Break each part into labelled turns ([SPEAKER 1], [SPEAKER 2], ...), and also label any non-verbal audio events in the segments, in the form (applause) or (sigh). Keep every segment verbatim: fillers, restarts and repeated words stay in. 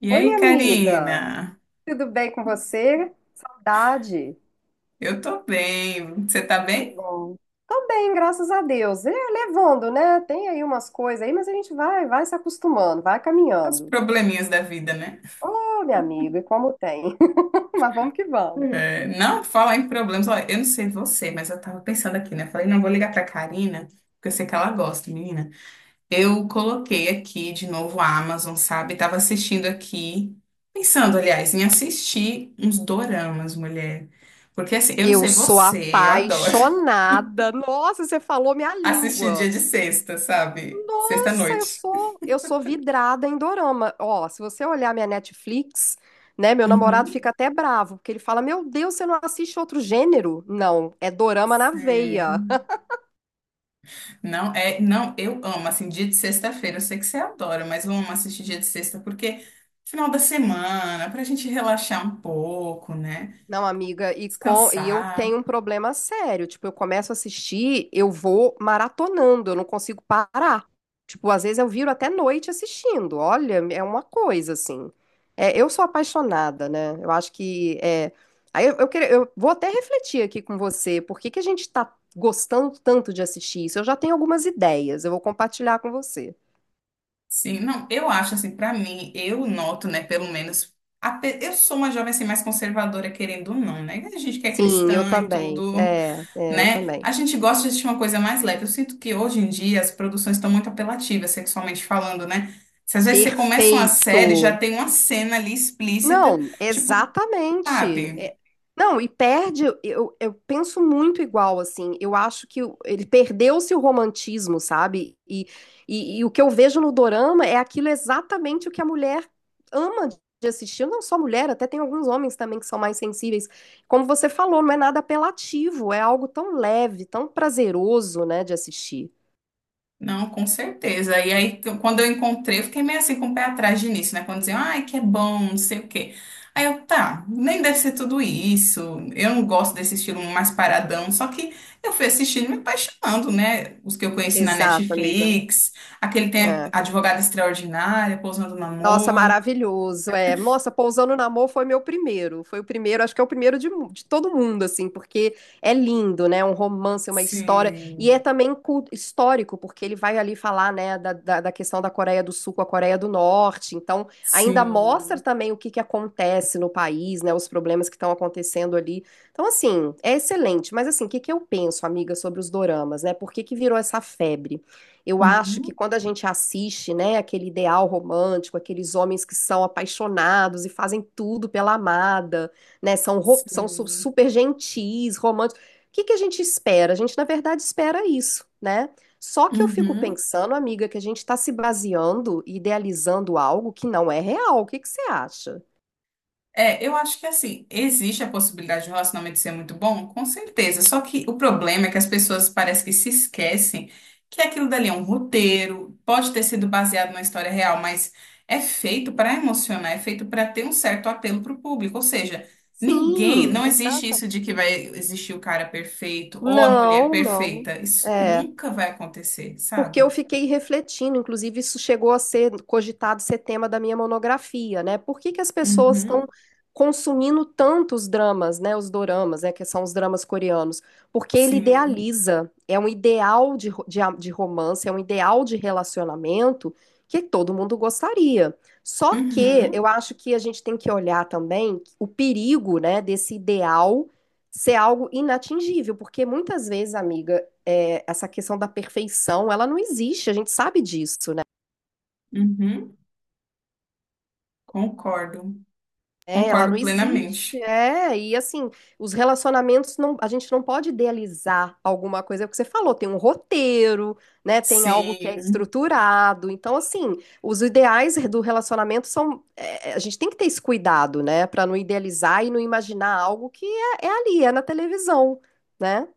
[SPEAKER 1] E
[SPEAKER 2] Oi,
[SPEAKER 1] aí,
[SPEAKER 2] minha amiga,
[SPEAKER 1] Karina?
[SPEAKER 2] tudo bem com você? Saudade.
[SPEAKER 1] Eu tô bem. Você tá
[SPEAKER 2] Que
[SPEAKER 1] bem?
[SPEAKER 2] bom. Tô bem, graças a Deus. É, levando, né? Tem aí umas coisas aí, mas a gente vai, vai se acostumando, vai
[SPEAKER 1] Os
[SPEAKER 2] caminhando.
[SPEAKER 1] probleminhas da vida, né?
[SPEAKER 2] Ô, minha amiga, e como tem? (laughs) Mas vamos que vamos.
[SPEAKER 1] É, não falar em problemas. Olha, eu não sei você, mas eu tava pensando aqui, né? Falei, não, vou ligar pra Karina, porque eu sei que ela gosta, menina. Eu coloquei aqui de novo a Amazon, sabe? Tava assistindo aqui, pensando, aliás, em assistir uns doramas, mulher. Porque assim, eu não
[SPEAKER 2] Eu
[SPEAKER 1] sei
[SPEAKER 2] sou
[SPEAKER 1] você, eu adoro
[SPEAKER 2] apaixonada. Nossa, você falou minha
[SPEAKER 1] (laughs) assistir dia
[SPEAKER 2] língua.
[SPEAKER 1] de sexta, sabe?
[SPEAKER 2] Nossa, eu
[SPEAKER 1] Sexta-noite.
[SPEAKER 2] sou, eu sou vidrada em dorama. Ó, se você olhar minha Netflix, né, meu namorado
[SPEAKER 1] Uhum.
[SPEAKER 2] fica até bravo, porque ele fala: "Meu Deus, você não assiste outro gênero?" Não, é dorama na veia.
[SPEAKER 1] Sim. Não, é, não, eu amo, assim, dia de sexta-feira, eu sei que você adora, mas eu amo assistir dia de sexta porque final da semana, pra gente relaxar um pouco, né?
[SPEAKER 2] Não, amiga, e, com, e eu
[SPEAKER 1] Descansar.
[SPEAKER 2] tenho um problema sério. Tipo, eu começo a assistir, eu vou maratonando, eu não consigo parar. Tipo, às vezes eu viro até noite assistindo. Olha, é uma coisa assim. É, eu sou apaixonada, né? Eu acho que é. Aí eu, eu, queria- Eu vou até refletir aqui com você, por que que a gente tá gostando tanto de assistir isso? Eu já tenho algumas ideias, eu vou compartilhar com você.
[SPEAKER 1] Sim, não, eu acho assim, pra mim, eu noto, né, pelo menos, ape- eu sou uma jovem assim mais conservadora, querendo ou não, né? A gente que é
[SPEAKER 2] Sim, eu
[SPEAKER 1] cristã e
[SPEAKER 2] também.
[SPEAKER 1] tudo,
[SPEAKER 2] É, é, eu
[SPEAKER 1] né?
[SPEAKER 2] também.
[SPEAKER 1] A gente gosta de assistir uma coisa mais leve. Eu sinto que hoje em dia as produções estão muito apelativas, sexualmente falando, né? Se às vezes você começa uma
[SPEAKER 2] Perfeito.
[SPEAKER 1] série, já tem uma cena ali explícita,
[SPEAKER 2] Não,
[SPEAKER 1] tipo,
[SPEAKER 2] exatamente.
[SPEAKER 1] sabe?
[SPEAKER 2] É- Não, e perde, eu, eu penso muito igual, assim. Eu acho que o- ele perdeu-se o romantismo, sabe? E, e, e o que eu vejo no dorama é aquilo exatamente o que a mulher ama de assistir. Não só mulher, até tem alguns homens também que são mais sensíveis. Como você falou, não é nada apelativo, é algo tão leve, tão prazeroso, né, de assistir.
[SPEAKER 1] Não, com certeza. E aí, t- quando eu encontrei, eu fiquei meio assim com o pé atrás de início, né? Quando diziam, ai, que é bom, não sei o quê. Aí eu, tá, nem deve ser tudo isso. Eu não gosto desse estilo mais paradão. Só que eu fui assistindo e me apaixonando, né? Os que eu conheci na
[SPEAKER 2] Exato, amiga.
[SPEAKER 1] Netflix, aquele tem
[SPEAKER 2] É.
[SPEAKER 1] a Advogada Extraordinária, Pousando no
[SPEAKER 2] Nossa,
[SPEAKER 1] Amor.
[SPEAKER 2] maravilhoso. É, nossa, Pousando no Amor foi meu primeiro. Foi o primeiro, acho que é o primeiro de, mu- de todo mundo, assim, porque é lindo, né? Um romance, uma história. E
[SPEAKER 1] Sim,
[SPEAKER 2] é também cu- histórico, porque ele vai ali falar, né, da, da, da questão da Coreia do Sul com a Coreia do Norte. Então, ainda mostra
[SPEAKER 1] sim.
[SPEAKER 2] também o que que acontece no país, né? Os problemas que estão acontecendo ali. Então, assim, é excelente. Mas, assim, o que que eu penso, amiga, sobre os doramas, né? Por que que virou essa febre? Eu acho que
[SPEAKER 1] Uhum,
[SPEAKER 2] quando a gente assiste, né, aquele ideal romântico, aqueles homens que são apaixonados e fazem tudo pela amada, né, são, ro- são su-
[SPEAKER 1] sim.
[SPEAKER 2] super gentis, românticos. O que que a gente espera? A gente, na verdade, espera isso, né? Só que eu fico
[SPEAKER 1] Uhum.
[SPEAKER 2] pensando, amiga, que a gente está se baseando e idealizando algo que não é real. O que que você acha?
[SPEAKER 1] É, eu acho que assim, existe a possibilidade de o relacionamento ser muito bom, com certeza. Só que o problema é que as pessoas parece que se esquecem que aquilo dali é um roteiro, pode ter sido baseado numa história real, mas é feito para emocionar, é feito para ter um certo apelo para o público. Ou seja, ninguém,
[SPEAKER 2] Sim,
[SPEAKER 1] não existe
[SPEAKER 2] exata.
[SPEAKER 1] isso de que vai existir o cara perfeito ou a mulher
[SPEAKER 2] Não, não.
[SPEAKER 1] perfeita. Isso
[SPEAKER 2] É.
[SPEAKER 1] nunca vai acontecer,
[SPEAKER 2] Porque eu
[SPEAKER 1] sabe?
[SPEAKER 2] fiquei refletindo, inclusive isso chegou a ser cogitado ser tema da minha monografia, né? Por que que as pessoas estão
[SPEAKER 1] Uhum,
[SPEAKER 2] consumindo tantos dramas, né? Os doramas, né? Que são os dramas coreanos. Porque ele
[SPEAKER 1] sim.
[SPEAKER 2] idealiza, é um ideal de, ro- de, a- de romance, é um ideal de relacionamento que todo mundo gostaria. Só que
[SPEAKER 1] Uhum,
[SPEAKER 2] eu acho que a gente tem que olhar também o perigo, né, desse ideal ser algo inatingível, porque muitas vezes, amiga, é, essa questão da perfeição, ela não existe, a gente sabe disso, né?
[SPEAKER 1] uhum. Concordo.
[SPEAKER 2] É, ela não
[SPEAKER 1] Concordo
[SPEAKER 2] existe,
[SPEAKER 1] plenamente.
[SPEAKER 2] é, e assim, os relacionamentos, não, a gente não pode idealizar alguma coisa, é o que você falou, tem um roteiro, né, tem algo que é
[SPEAKER 1] Sim,
[SPEAKER 2] estruturado, então assim, os ideais do relacionamento são, é, a gente tem que ter esse cuidado, né, para não idealizar e não imaginar algo que é, é ali, é na televisão, né?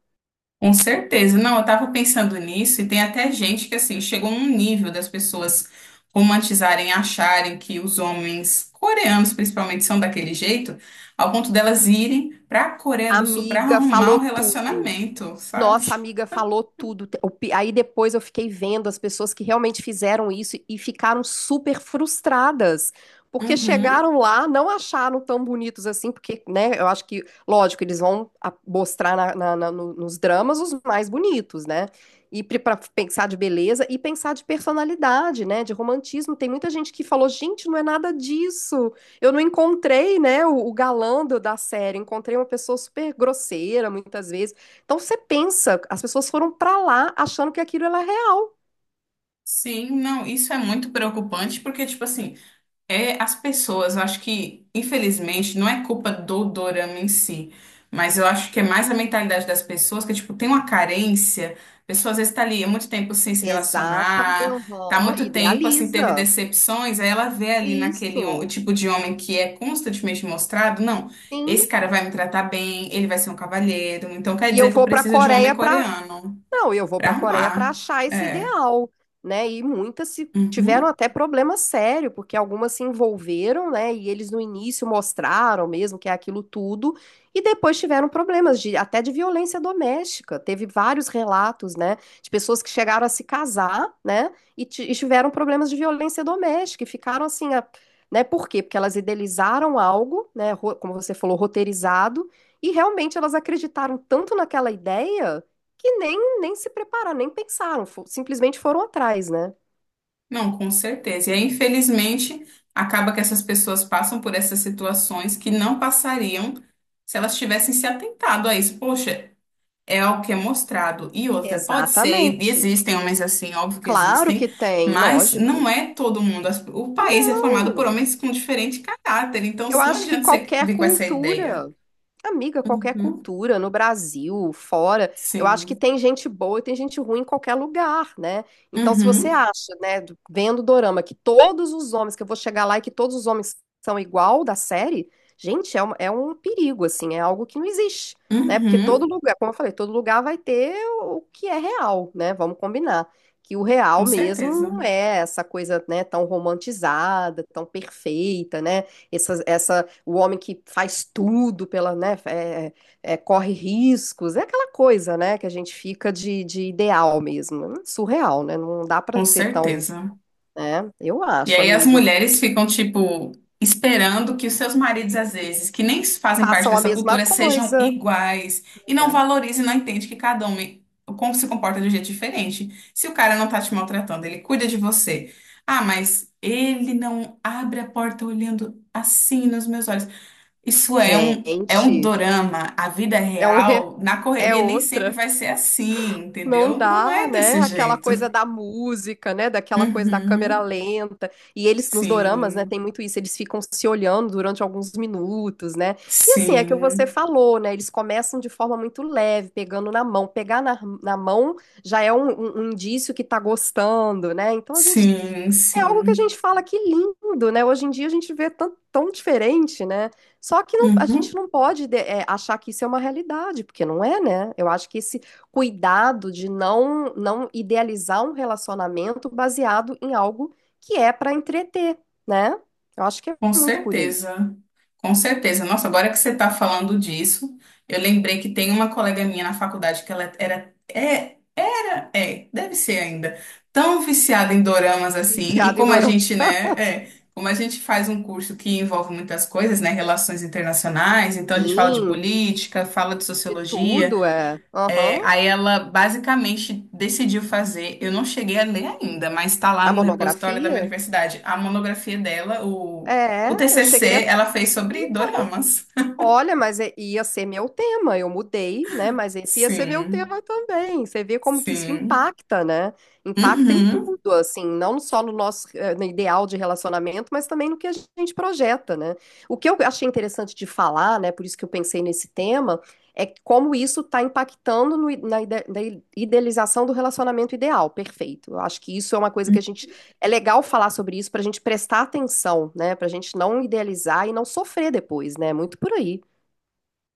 [SPEAKER 1] com certeza. Não, eu estava pensando nisso e tem até gente que assim chegou num nível das pessoas romantizarem, acharem que os homens coreanos principalmente são daquele jeito, ao ponto delas irem para a Coreia do Sul para
[SPEAKER 2] Amiga
[SPEAKER 1] arrumar um
[SPEAKER 2] falou tudo.
[SPEAKER 1] relacionamento, sabe?
[SPEAKER 2] Nossa, amiga falou tudo. Te- o pi- Aí depois eu fiquei vendo as pessoas que realmente fizeram isso e ficaram super frustradas, porque
[SPEAKER 1] Uhum.
[SPEAKER 2] chegaram lá, não acharam tão bonitos assim, porque, né, eu acho que, lógico, eles vão a- mostrar na- na- na- no- nos dramas os mais bonitos, né? E para pensar de beleza e pensar de personalidade, né, de romantismo. Tem muita gente que falou, gente, não é nada disso. Eu não encontrei, né, o, o galã do- da série. Encontrei uma pessoa super grosseira, muitas vezes então você pensa, as pessoas foram para lá achando que aquilo era real.
[SPEAKER 1] Sim, não, isso é muito preocupante porque tipo assim, é as pessoas, eu acho que, infelizmente, não é culpa do dorama em si, mas eu acho que é mais a mentalidade das pessoas, que, tipo, tem uma carência, a pessoa às vezes tá ali há muito tempo sem se relacionar,
[SPEAKER 2] Exatamente.
[SPEAKER 1] tá há muito tempo, assim, teve
[SPEAKER 2] Idealiza.
[SPEAKER 1] decepções, aí ela vê ali naquele hom- o
[SPEAKER 2] Isso.
[SPEAKER 1] tipo de homem que é constantemente mostrado, não, esse
[SPEAKER 2] Sim.
[SPEAKER 1] cara vai me tratar bem, ele vai ser um cavalheiro, então quer
[SPEAKER 2] E eu
[SPEAKER 1] dizer que eu
[SPEAKER 2] vou para a
[SPEAKER 1] preciso de um
[SPEAKER 2] Coreia
[SPEAKER 1] homem
[SPEAKER 2] para
[SPEAKER 1] coreano
[SPEAKER 2] Não, eu vou
[SPEAKER 1] pra
[SPEAKER 2] para a Coreia para
[SPEAKER 1] arrumar.
[SPEAKER 2] achar esse
[SPEAKER 1] É.
[SPEAKER 2] ideal, né? E muitas se tiveram
[SPEAKER 1] Uhum.
[SPEAKER 2] até problema sério, porque algumas se envolveram, né? E eles no início mostraram mesmo que é aquilo tudo, e depois tiveram problemas de até de violência doméstica. Teve vários relatos, né? De pessoas que chegaram a se casar, né? E, ti- e tiveram problemas de violência doméstica e ficaram assim, a- né? Por quê? Porque elas idealizaram algo, né? ro- Como você falou, roteirizado. E realmente elas acreditaram tanto naquela ideia que nem, nem se prepararam, nem pensaram, fo- simplesmente foram atrás, né?
[SPEAKER 1] Não, com certeza. E aí, infelizmente, acaba que essas pessoas passam por essas situações que não passariam se elas tivessem se atentado a isso. Poxa, é algo que é mostrado. E outra, pode ser, e
[SPEAKER 2] Exatamente.
[SPEAKER 1] existem homens assim, óbvio que
[SPEAKER 2] Claro que
[SPEAKER 1] existem,
[SPEAKER 2] tem,
[SPEAKER 1] mas
[SPEAKER 2] lógico.
[SPEAKER 1] não é todo mundo. As- O país é formado por
[SPEAKER 2] Não.
[SPEAKER 1] homens com diferente caráter, então
[SPEAKER 2] Eu
[SPEAKER 1] não
[SPEAKER 2] acho que
[SPEAKER 1] adianta você
[SPEAKER 2] qualquer
[SPEAKER 1] vir com essa ideia.
[SPEAKER 2] cultura, amiga, qualquer
[SPEAKER 1] Uhum,
[SPEAKER 2] cultura, no Brasil, fora, eu acho que
[SPEAKER 1] sim.
[SPEAKER 2] tem gente boa e tem gente ruim em qualquer lugar, né? Então, se você
[SPEAKER 1] Uhum,
[SPEAKER 2] acha, né, do- vendo o dorama, que todos os homens, que eu vou chegar lá e que todos os homens são igual da série, gente, é um, é um perigo, assim, é algo que não existe, né? Porque todo
[SPEAKER 1] uhum,
[SPEAKER 2] lugar, como eu falei, todo lugar vai ter o que é real, né? Vamos combinar. Que o
[SPEAKER 1] com
[SPEAKER 2] real mesmo
[SPEAKER 1] certeza.
[SPEAKER 2] não é essa coisa, né, tão romantizada, tão perfeita, né? Essa, essa, o homem que faz tudo pela, né, é- é, é, corre riscos, é aquela coisa, né, que a gente fica de, de ideal mesmo. É surreal, né? Não dá pra
[SPEAKER 1] Com
[SPEAKER 2] ser tão,
[SPEAKER 1] certeza.
[SPEAKER 2] né? Eu
[SPEAKER 1] E
[SPEAKER 2] acho,
[SPEAKER 1] aí as
[SPEAKER 2] amiga.
[SPEAKER 1] mulheres ficam, tipo, esperando que os seus maridos, às vezes, que nem fazem parte
[SPEAKER 2] Façam a
[SPEAKER 1] dessa
[SPEAKER 2] mesma
[SPEAKER 1] cultura, sejam
[SPEAKER 2] coisa.
[SPEAKER 1] iguais e não
[SPEAKER 2] É.
[SPEAKER 1] valorizam e não entende que cada homem como se comporta de um jeito diferente. Se o cara não tá te maltratando, ele cuida de você. Ah, mas ele não abre a porta olhando assim nos meus olhos. Isso é um é um
[SPEAKER 2] Gente,
[SPEAKER 1] dorama. A vida
[SPEAKER 2] é um re-
[SPEAKER 1] real, na
[SPEAKER 2] é
[SPEAKER 1] correria, nem sempre
[SPEAKER 2] outra.
[SPEAKER 1] vai ser assim,
[SPEAKER 2] Não
[SPEAKER 1] entendeu? Não
[SPEAKER 2] dá,
[SPEAKER 1] é
[SPEAKER 2] né?
[SPEAKER 1] desse
[SPEAKER 2] Aquela coisa
[SPEAKER 1] jeito.
[SPEAKER 2] da música, né? Daquela coisa da câmera
[SPEAKER 1] Uhum.
[SPEAKER 2] lenta. E eles, nos doramas, né? Tem
[SPEAKER 1] Sim,
[SPEAKER 2] muito isso. Eles ficam se olhando durante alguns minutos, né? E assim, é que você
[SPEAKER 1] sim.
[SPEAKER 2] falou, né? Eles começam de forma muito leve, pegando na mão. Pegar na, na mão já é um, um- um indício que tá gostando, né? Então a gente
[SPEAKER 1] Sim,
[SPEAKER 2] é algo que a
[SPEAKER 1] sim.
[SPEAKER 2] gente fala que lindo, né? Hoje em dia a gente vê tão, tão diferente, né? Só que não- a gente
[SPEAKER 1] Uhum,
[SPEAKER 2] não pode de- é, achar que isso é uma realidade, porque não é, né? Eu acho que esse cuidado de não, não idealizar um relacionamento baseado em algo que é para entreter, né? Eu acho que é
[SPEAKER 1] com
[SPEAKER 2] muito por aí.
[SPEAKER 1] certeza. Com certeza. Nossa, agora que você está falando disso, eu lembrei que tem uma colega minha na faculdade que ela era, é, é, deve ser ainda, tão viciada em doramas assim, e
[SPEAKER 2] Viciado em
[SPEAKER 1] como a
[SPEAKER 2] dorama.
[SPEAKER 1] gente, né, é, como a gente faz um curso que envolve muitas coisas, né, relações internacionais, então a gente fala de
[SPEAKER 2] Sim,
[SPEAKER 1] política, fala de
[SPEAKER 2] de
[SPEAKER 1] sociologia,
[SPEAKER 2] tudo é.
[SPEAKER 1] é,
[SPEAKER 2] Aham.
[SPEAKER 1] aí ela basicamente decidiu fazer, eu não cheguei a ler ainda, mas está lá
[SPEAKER 2] A
[SPEAKER 1] no repositório da minha
[SPEAKER 2] monografia?
[SPEAKER 1] universidade, a monografia dela, o, o
[SPEAKER 2] É, eu cheguei
[SPEAKER 1] T C C,
[SPEAKER 2] a.
[SPEAKER 1] ela fez sobre doramas.
[SPEAKER 2] Olha, mas é- ia ser meu tema. Eu mudei, né? Mas esse ia ser meu
[SPEAKER 1] Sim,
[SPEAKER 2] tema também. Você vê como que isso
[SPEAKER 1] sim.
[SPEAKER 2] impacta, né? Impacta em
[SPEAKER 1] Uhum.
[SPEAKER 2] tudo, assim, não só no nosso eh, no ideal de relacionamento, mas também no que a gente projeta, né? O que eu achei interessante de falar, né? Por isso que eu pensei nesse tema, é como isso está impactando no i- na ide- na idealização do relacionamento ideal. Perfeito. Eu acho que isso é uma coisa que a gente é legal falar sobre isso para a gente prestar atenção, né? Para a gente não idealizar e não sofrer depois, né? Muito por aí.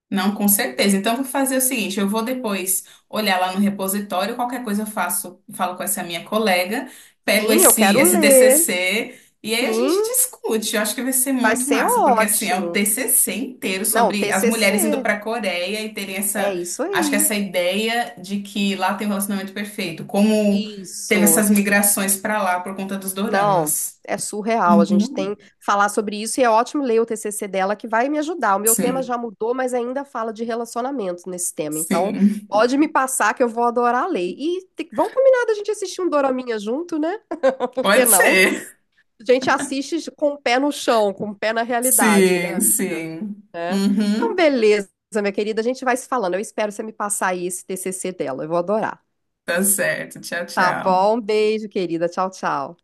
[SPEAKER 1] Não, com certeza. Então, eu vou fazer o seguinte: eu vou depois olhar lá no repositório, qualquer coisa eu faço, falo com essa minha colega, pego
[SPEAKER 2] Sim, eu
[SPEAKER 1] esse,
[SPEAKER 2] quero
[SPEAKER 1] esse
[SPEAKER 2] ler.
[SPEAKER 1] T C C e aí a
[SPEAKER 2] Sim,
[SPEAKER 1] gente discute. Eu acho que vai ser
[SPEAKER 2] vai
[SPEAKER 1] muito
[SPEAKER 2] ser
[SPEAKER 1] massa, porque assim, é o
[SPEAKER 2] ótimo.
[SPEAKER 1] T C C inteiro
[SPEAKER 2] Não,
[SPEAKER 1] sobre as
[SPEAKER 2] T C C.
[SPEAKER 1] mulheres indo para a Coreia e terem
[SPEAKER 2] É
[SPEAKER 1] essa,
[SPEAKER 2] isso
[SPEAKER 1] acho que
[SPEAKER 2] aí.
[SPEAKER 1] essa ideia de que lá tem um relacionamento perfeito, como teve
[SPEAKER 2] Isso.
[SPEAKER 1] essas migrações para lá por conta dos
[SPEAKER 2] Não,
[SPEAKER 1] doramas.
[SPEAKER 2] é surreal. A gente
[SPEAKER 1] Uhum.
[SPEAKER 2] tem que falar sobre isso e é ótimo ler o T C C dela que vai me ajudar. O meu tema
[SPEAKER 1] Sim,
[SPEAKER 2] já mudou, mas ainda fala de relacionamento nesse tema. Então,
[SPEAKER 1] sim.
[SPEAKER 2] pode me passar que eu vou adorar ler. E te- vamos combinar da gente assistir um doraminha junto, né? (laughs) Por que
[SPEAKER 1] Pode
[SPEAKER 2] não?
[SPEAKER 1] ser.
[SPEAKER 2] A gente assiste com o pé no chão, com o pé na realidade, né,
[SPEAKER 1] Sim,
[SPEAKER 2] amiga?
[SPEAKER 1] sim.
[SPEAKER 2] É. Então,
[SPEAKER 1] Uhum.
[SPEAKER 2] beleza, minha querida, a gente vai se falando. Eu espero você me passar aí esse T C C dela, eu vou adorar.
[SPEAKER 1] Tá certo. Tchau,
[SPEAKER 2] Tá
[SPEAKER 1] tchau.
[SPEAKER 2] bom? Um beijo, querida. Tchau, tchau.